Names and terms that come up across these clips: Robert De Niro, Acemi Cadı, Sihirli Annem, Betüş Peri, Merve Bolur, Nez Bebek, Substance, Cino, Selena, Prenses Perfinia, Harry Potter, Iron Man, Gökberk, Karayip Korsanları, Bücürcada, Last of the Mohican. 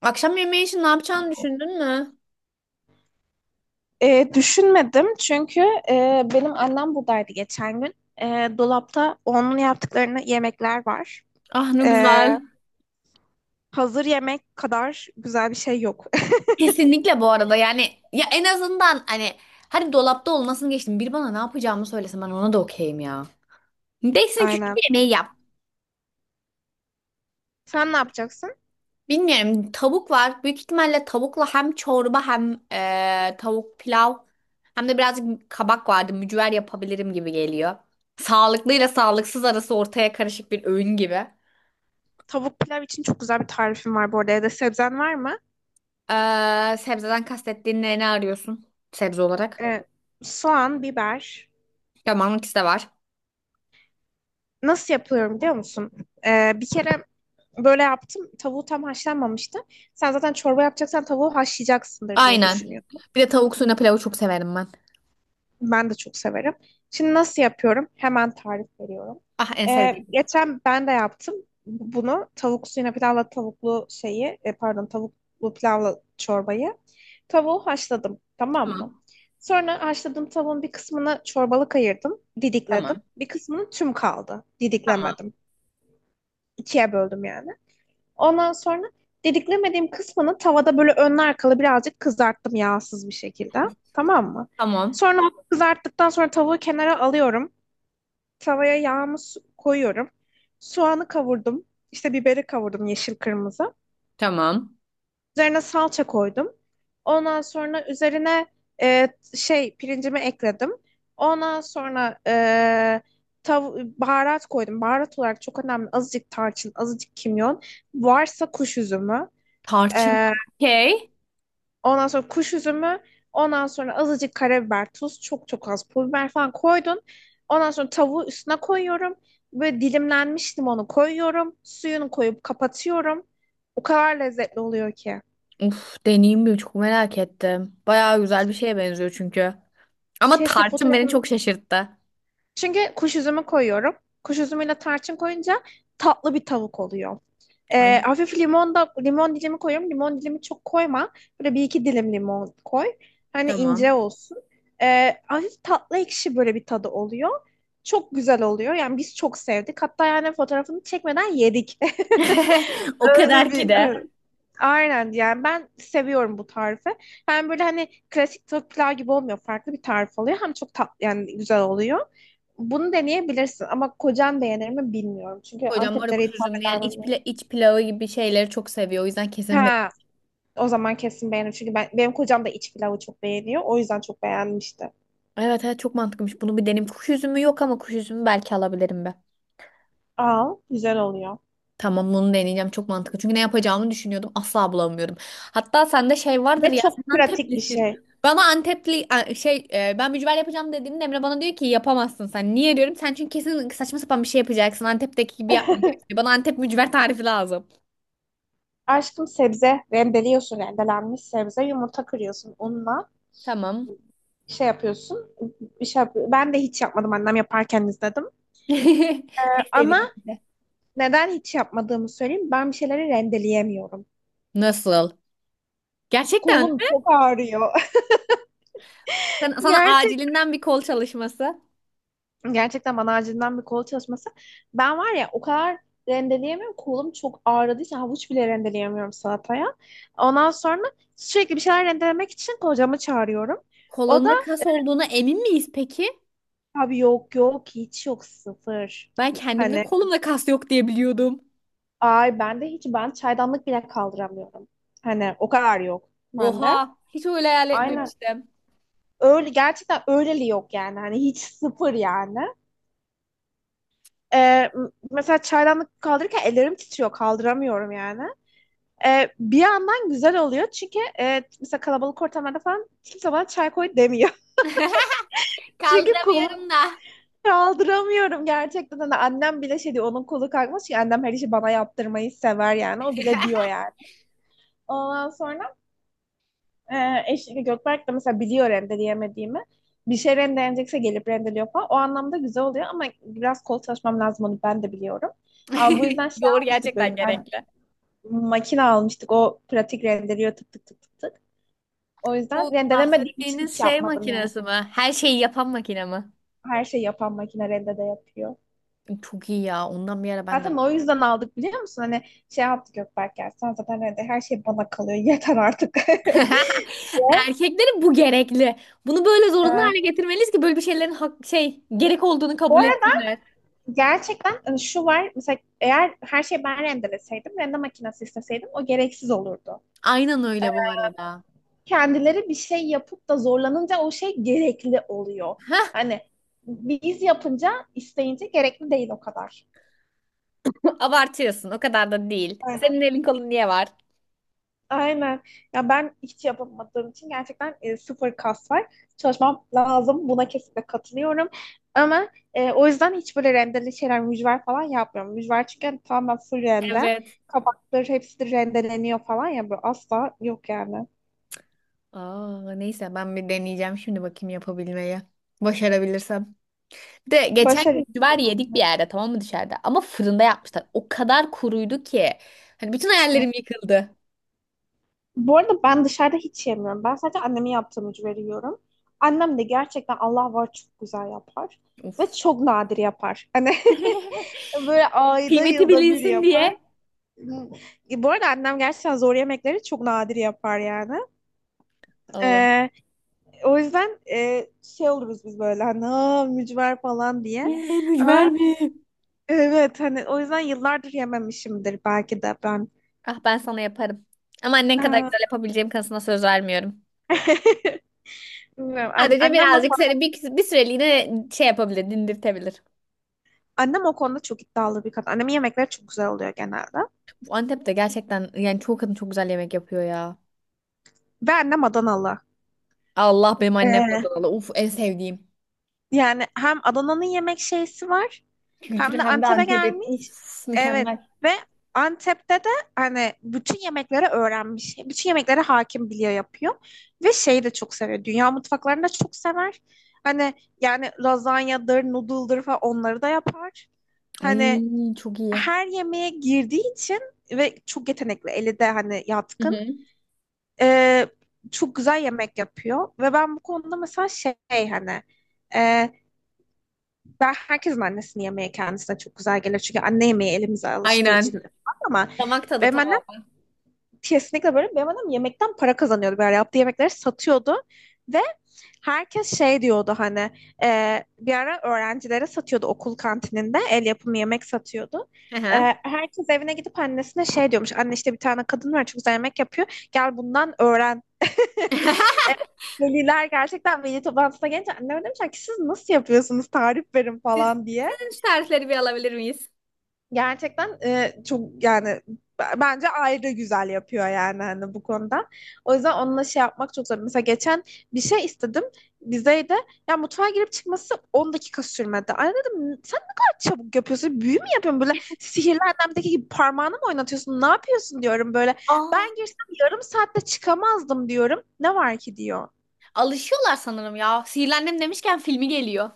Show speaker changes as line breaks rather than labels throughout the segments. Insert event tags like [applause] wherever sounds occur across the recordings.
Akşam yemeği için ne yapacağını düşündün mü?
Düşünmedim çünkü benim annem buradaydı geçen gün. E, Dolapta onun yaptıklarını yemekler var.
Ah ne
E,
güzel.
Hazır yemek kadar güzel bir şey yok.
Kesinlikle bu arada yani ya en azından hani hadi dolapta olmasını geçtim. Bir bana ne yapacağımı söylese ben ona da okeyim ya.
[laughs]
Değilsin ki şu
Aynen.
yemeği yap.
Sen ne yapacaksın?
Bilmiyorum, tavuk var. Büyük ihtimalle tavukla hem çorba hem tavuk pilav, hem de birazcık kabak vardı. Mücver yapabilirim gibi geliyor. Sağlıklıyla sağlıksız arası ortaya karışık bir öğün gibi.
Tavuk pilav için çok güzel bir tarifim var bu arada. Ya da sebzen var mı?
Sebzeden kastettiğin ne, ne arıyorsun sebze olarak?
E, Soğan, biber.
Ya marmut de var.
Nasıl yapıyorum biliyor musun? Bir kere böyle yaptım. Tavuğu tam haşlanmamıştı. Sen zaten çorba yapacaksan tavuğu haşlayacaksındır diye
Aynen.
düşünüyorum.
Bir de tavuk suyuna pilavı çok severim ben.
Ben de çok severim. Şimdi nasıl yapıyorum? Hemen tarif veriyorum.
Ah en sevdiğim.
Geçen ben de yaptım bunu. Tavuk suyuna pilavla tavuklu şeyi, pardon, tavuklu pilavla çorbayı. Tavuğu haşladım, tamam mı?
Tamam.
Sonra haşladığım tavuğun bir kısmını çorbalık ayırdım, didikledim.
Tamam.
Bir kısmının tüm kaldı,
Tamam.
didiklemedim. İkiye böldüm yani. Ondan sonra didiklemediğim kısmını tavada böyle önlü arkalı birazcık kızarttım yağsız bir şekilde. Tamam mı?
Tamam.
Sonra onu kızarttıktan sonra tavuğu kenara alıyorum. Tavaya yağımı koyuyorum. Soğanı kavurdum. İşte biberi kavurdum, yeşil kırmızı.
Tamam.
Üzerine salça koydum. Ondan sonra üzerine e, pirincimi ekledim. Ondan sonra e, tav baharat koydum. Baharat olarak çok önemli. Azıcık tarçın, azıcık kimyon. Varsa kuş üzümü.
Tarçın.
E,
Okey.
Ondan sonra kuş üzümü, ondan sonra azıcık karabiber, tuz, çok çok az pul biber falan koydun. Ondan sonra tavuğu üstüne koyuyorum. Böyle dilimlenmiş limonu koyuyorum. Suyunu koyup kapatıyorum. O kadar lezzetli oluyor ki.
Uf, deneyeyim mi? Çok merak ettim. Bayağı güzel bir şeye benziyor çünkü. Ama
Keşke
tarçın beni
fotoğrafını...
çok şaşırttı.
Çünkü kuş üzümü koyuyorum. Kuş üzümüyle tarçın koyunca tatlı bir tavuk oluyor.
Ay
Hafif limon da limon dilimi koyuyorum. Limon dilimi çok koyma. Böyle bir iki dilim limon koy. Hani ince
tamam.
olsun. Hafif tatlı ekşi böyle bir tadı oluyor. Çok güzel oluyor. Yani biz çok sevdik. Hatta yani fotoğrafını çekmeden yedik. [laughs]
[laughs] O
Öyle
kadar ki
bir
de.
evet. Aynen, yani ben seviyorum bu tarifi. Hem böyle hani klasik tavuk pilav gibi olmuyor. Farklı bir tarif oluyor. Hem çok tatlı yani güzel oluyor. Bunu deneyebilirsin ama kocan beğenir mi bilmiyorum. Çünkü
Kocam var ya
Anteplilere
kuş
hitap
üzümlü yani
eder mi?
iç, pila iç pilavı gibi şeyleri çok seviyor. O yüzden kesin be.
Ha, o zaman kesin beğenir. Çünkü benim kocam da iç pilavı çok beğeniyor. O yüzden çok beğenmişti.
Evet evet çok mantıklıymış. Bunu bir deneyim. Kuş üzümü yok ama kuş üzümü belki alabilirim be.
Al, güzel oluyor.
Tamam, bunu deneyeceğim, çok mantıklı. Çünkü ne yapacağımı düşünüyordum, asla bulamıyorum. Hatta sende şey vardır
Ve
ya,
çok
sen
pratik bir
Anteplisin.
şey.
Bana Antepli ben mücver yapacağım dediğinde Emre bana diyor ki yapamazsın sen. Niye diyorum? Sen çünkü kesin saçma sapan bir şey yapacaksın. Antep'teki gibi yapmayacaksın. Bana Antep mücver tarifi lazım.
Aşkım, sebze rendeliyorsun, rendelenmiş sebze. Yumurta kırıyorsun unla.
Tamam.
Şey yapıyorsun. Ben de hiç yapmadım. Annem yaparken izledim.
[laughs] En
Ama
sevdiğim aktivite.
neden hiç yapmadığımı söyleyeyim. Ben bir şeyleri rendeleyemiyorum.
Nasıl? Gerçekten
Kolum
mi?
çok ağrıyor. [laughs]
Sana
Gerçekten.
acilinden bir kol çalışması.
Gerçekten bana acilden bir kol çalışması. Ben var ya o kadar rendeleyemiyorum. Kolum çok ağrıdığı için havuç bile rendeleyemiyorum salataya. Ondan sonra sürekli bir şeyler rendelemek için kocamı çağırıyorum. O da
Kolunda kas olduğuna emin miyiz peki?
abi yok, yok hiç yok, sıfır.
Ben kendimde
Hani
kolumda kas yok diye biliyordum.
ay ben de hiç, ben çaydanlık bile kaldıramıyorum. Hani o kadar yok bende.
Oha, hiç öyle hayal
Aynen
etmemiştim.
öyle, gerçekten öyleli, yok yani, hani hiç sıfır yani. Ee, Mesela çaydanlık kaldırırken ellerim titriyor, kaldıramıyorum yani. Bir yandan güzel oluyor çünkü mesela kalabalık ortamlarda falan kimse bana çay koy demiyor. [laughs]
[laughs]
Çünkü kolu
Kaldıramıyorum da.
kaldıramıyorum gerçekten. Hani annem bile şey diyor onun kolu kalkmış ki, annem her işi bana yaptırmayı sever yani, o bile diyor yani. Ondan sonra e, eşlik Gökberk de mesela biliyor rendeleyemediğimi. Bir şey rendelenecekse gelip rendeliyor falan. O anlamda güzel oluyor ama biraz kol çalışmam lazım, onu ben de biliyorum. Ama bu
[laughs]
yüzden şey
Doğru,
almıştık, böyle
gerçekten
bir tane
gerekli.
makine almıştık. O pratik rendeliyor, tık tık tık tık tık. O yüzden
Bu
rendelemediğim için hiç
bahsettiğiniz şey
yapmadım yani.
makinesi mi? Her şeyi yapan makine mi?
Her şeyi yapan makine rende de yapıyor.
Çok iyi ya. Ondan bir ara ben de.
Zaten o yüzden aldık, biliyor musun? Hani şey yaptı Gökberk, ya sen zaten rende her şey bana kalıyor yeter artık,
[laughs]
[laughs] diye.
Erkeklerin bu gerekli. Bunu böyle zorunlu
Evet.
hale getirmeliyiz ki böyle bir şeylerin hak, şey gerek olduğunu
Bu
kabul
arada
etsinler.
gerçekten hani şu var, mesela eğer her şeyi ben rendeleseydim rende makinesi isteseydim o gereksiz olurdu.
Aynen öyle bu arada.
Kendileri bir şey yapıp da zorlanınca o şey gerekli oluyor.
[laughs]
Hani biz yapınca isteyince gerekli değil, o kadar.
Abartıyorsun. O kadar da değil. Senin elin kolun niye var?
Aynen. Ya ben hiç yapamadığım için gerçekten sıfır kas var. Çalışmam lazım. Buna kesinlikle katılıyorum. Ama o yüzden hiç böyle rendeli şeyler, mücver falan yapmıyorum. Mücver çünkü hani tamamen full rende.
Evet.
Kabakları hepsi de rendeleniyor falan ya. Böyle asla yok yani.
Aa, neyse ben bir deneyeceğim şimdi, bakayım yapabilmeyi. Başarabilirsem. Bir de geçen gün
Başarı.
mücver yedik bir yerde, tamam mı, dışarıda? Ama fırında yapmışlar. O kadar kuruydu ki. Hani bütün hayallerim yıkıldı.
Bu arada ben dışarıda hiç yemiyorum. Ben sadece annemin yaptığı mücveri yiyorum. Annem de gerçekten Allah var çok güzel yapar. Ve
Of.
çok nadir yapar. Hani
[laughs]
[laughs] böyle ayda
Kıymeti
yılda bir
bilinsin diye.
yapar. Bu arada annem gerçekten zor yemekleri çok nadir yapar yani. E,
Allah.
O yüzden şey oluruz biz böyle, hani "Aa, mücver" falan diye.
Ne, mücver
Ama
mi?
evet, hani o yüzden yıllardır yememişimdir belki de ben.
Ah ben sana yaparım. Ama annen kadar
Aa,
güzel yapabileceğim kanısına söz vermiyorum.
[laughs] bilmiyorum.
Sadece birazcık seni bir süreliğine şey yapabilir, dindirtebilir.
Annem o konuda çok iddialı bir kadın. Annemin yemekleri çok güzel oluyor genelde.
Bu Antep'te gerçekten yani çoğu kadın çok güzel yemek yapıyor ya.
Ve annem Adanalı.
Allah, benim annem de
Ee,
danalı. Uf en sevdiğim.
Yani hem Adana'nın yemek şeysi var
Kültürü,
hem de
hem de
Antep'e
Antep'in.
gelmiş.
Uf
Evet,
mükemmel.
ve Antep'te de hani bütün yemekleri öğrenmiş. Bütün yemeklere hakim, biliyor, yapıyor. Ve şeyi de çok seviyor. Dünya mutfaklarını da çok sever. Hani yani lazanyadır, noodle'dır falan, onları da yapar.
Ay
Hani
çok iyi.
her yemeğe girdiği için ve çok yetenekli, eli de hani
Hı
yatkın.
hı.
Ee, Çok güzel yemek yapıyor. Ve ben bu konuda mesela şey hani... E, Ben herkesin annesinin yemeği kendisine çok güzel gelir. Çünkü anne yemeği elimize alıştığı için
Aynen.
falan. Ama
Damak tadı
benim annem
tamamen.
kesinlikle böyle. Benim annem yemekten para kazanıyordu. Böyle yaptığı yemekleri satıyordu. Ve herkes şey diyordu, hani bir ara öğrencilere satıyordu, okul kantininde el yapımı yemek satıyordu.
Hı
E,
hı.
Herkes evine gidip annesine şey diyormuş. Anne, işte bir tane kadın var çok güzel yemek yapıyor, gel bundan öğren.
[laughs]
E, Veliler gerçekten veli toplantısına gelince anneme demişler ki, siz nasıl yapıyorsunuz, tarif verin falan diye.
Sizden şu tarifleri bir alabilir miyiz?
Gerçekten çok yani, bence ayrı güzel yapıyor yani, hani bu konuda. O yüzden onunla şey yapmak çok zor. Mesela geçen bir şey istedim bizeyde. Ya mutfağa girip çıkması 10 dakika sürmedi. Ay dedim, sen ne kadar çabuk yapıyorsun? Büyü mü yapıyorsun böyle? Sihirli Annem'deki gibi parmağını mı oynatıyorsun? Ne yapıyorsun diyorum böyle.
Aa,
Ben girsem yarım saatte çıkamazdım diyorum. Ne var ki diyor.
alışıyorlar sanırım ya. Sihirli Annem demişken filmi geliyor.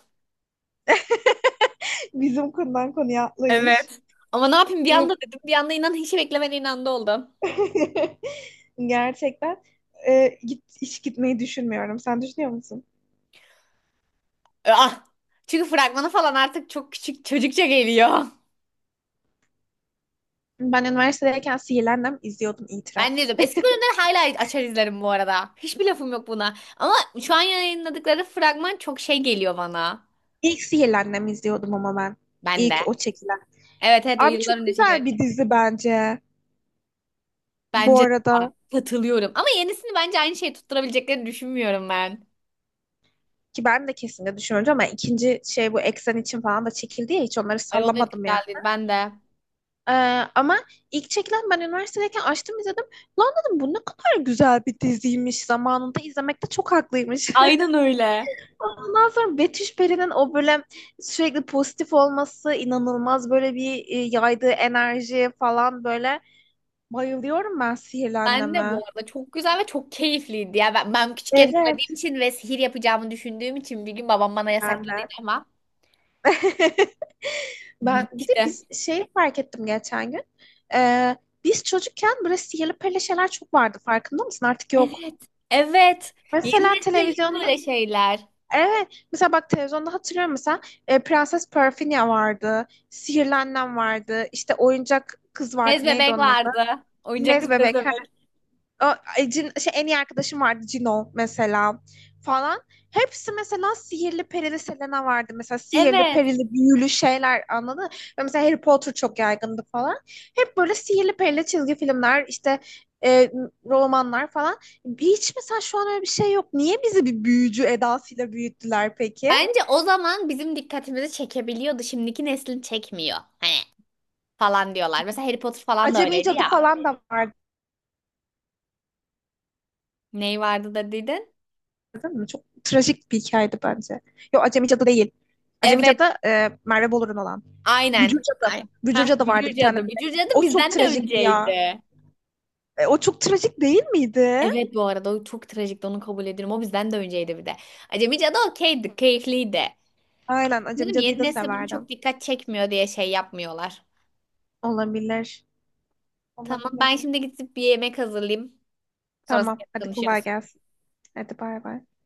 [laughs] Bizim konudan konuya atlayış.
Evet. Ama ne yapayım, bir anda dedim. Bir anda inan hiç beklemediğin anda oldu.
[laughs] Gerçekten hiç gitmeyi düşünmüyorum. Sen düşünüyor musun?
Ah. Çünkü fragmanı falan artık çok küçük çocukça geliyor.
Ben üniversitedeyken Sihirli Annem izliyordum, itiraf.
Ben dedim. Eski bölümleri hala açar izlerim bu arada. Hiçbir lafım yok buna. Ama şu an yayınladıkları fragman çok şey geliyor bana.
İlk Sihirli Annem izliyordum ama ben.
Ben de.
İlk o çekilen.
Evet evet, o
Abi
yıllar
çok
önce çekilen.
güzel bir dizi bence. Bu
Bence de bu arada.
arada
Katılıyorum. Ama yenisini bence aynı şeyi tutturabileceklerini düşünmüyorum ben.
ki ben de kesinlikle düşünüyorum ama ikinci şey bu Eksen için falan da çekildi ya, hiç onları
Ay o da
sallamadım ya.
güzel değil. Ben de.
Ee, Ama ilk çekilen ben üniversitedeyken açtım izledim. Lan dedim, bu ne kadar güzel bir diziymiş, zamanında izlemekte çok haklıymış. [laughs]
Aynen öyle.
Ondan sonra Betüş Peri'nin o böyle sürekli pozitif olması inanılmaz. Böyle bir yaydığı enerji falan böyle. Bayılıyorum ben
Ben de bu
sihirlenmeme.
arada çok güzel ve çok keyifliydi. Ya ben küçükken izlediğim
Evet.
için ve sihir yapacağımı düşündüğüm için bir gün babam bana
Ben
yasakladıydı
de.
ama
[laughs] Ben
[laughs]
bir de
işte.
biz şey fark ettim geçen gün. Ee, Biz çocukken böyle sihirli perili şeyler çok vardı, farkında mısın? Artık yok.
Evet. Evet. Yeni
Mesela
nesle yok
televizyonda,
böyle şeyler.
evet mesela bak televizyonda hatırlıyorum mesela Prenses Perfinia vardı. Sihirlenlen vardı. İşte oyuncak kız vardı.
Bez
Neydi
bebek
onun adı?
vardı. Oyuncak
Nez
kız, bez
Bebek.
bebek.
En iyi arkadaşım vardı Cino mesela falan. Hepsi mesela sihirli perili, Selena vardı. Mesela sihirli
Evet.
perili büyülü şeyler, anladın mı? Ve mesela Harry Potter çok yaygındı falan. Hep böyle sihirli perili çizgi filmler, işte e, romanlar falan. Hiç mesela şu an öyle bir şey yok. Niye bizi bir büyücü edasıyla büyüttüler peki?
Bence o zaman bizim dikkatimizi çekebiliyordu. Şimdiki neslin çekmiyor. Hani falan diyorlar. Mesela Harry Potter falan da
Acemi
öyleydi
Cadı
ya.
falan da vardı,
Neyi vardı da dedin?
değil mi? Çok trajik bir hikayeydi bence. Yok, Acemi Cadı değil. Acemi
Evet.
Cadı Merve Bolur'un olan.
Aynen.
Bücürcada.
Ay. Hah,
Bücürcada vardı
Bücür
bir tane
Cadı.
böyle.
Bücür Cadı
O çok
bizden de
trajikti ya.
önceydi.
O çok trajik değil miydi?
Evet bu arada, o çok trajikti, onu kabul ediyorum. O bizden de önceydi bir de. Acemi Cadı okeydi. Keyifliydi.
Aynen. Acemi
Dedim
Cadı'yı
yeni
da
nesil bunu çok
severdim.
dikkat çekmiyor diye şey yapmıyorlar.
Olabilir.
Tamam, ben
Olabilir.
şimdi gidip bir yemek hazırlayayım. Sonrasında
Tamam. Hadi kolay
konuşuruz.
gelsin. Hadi bay bay.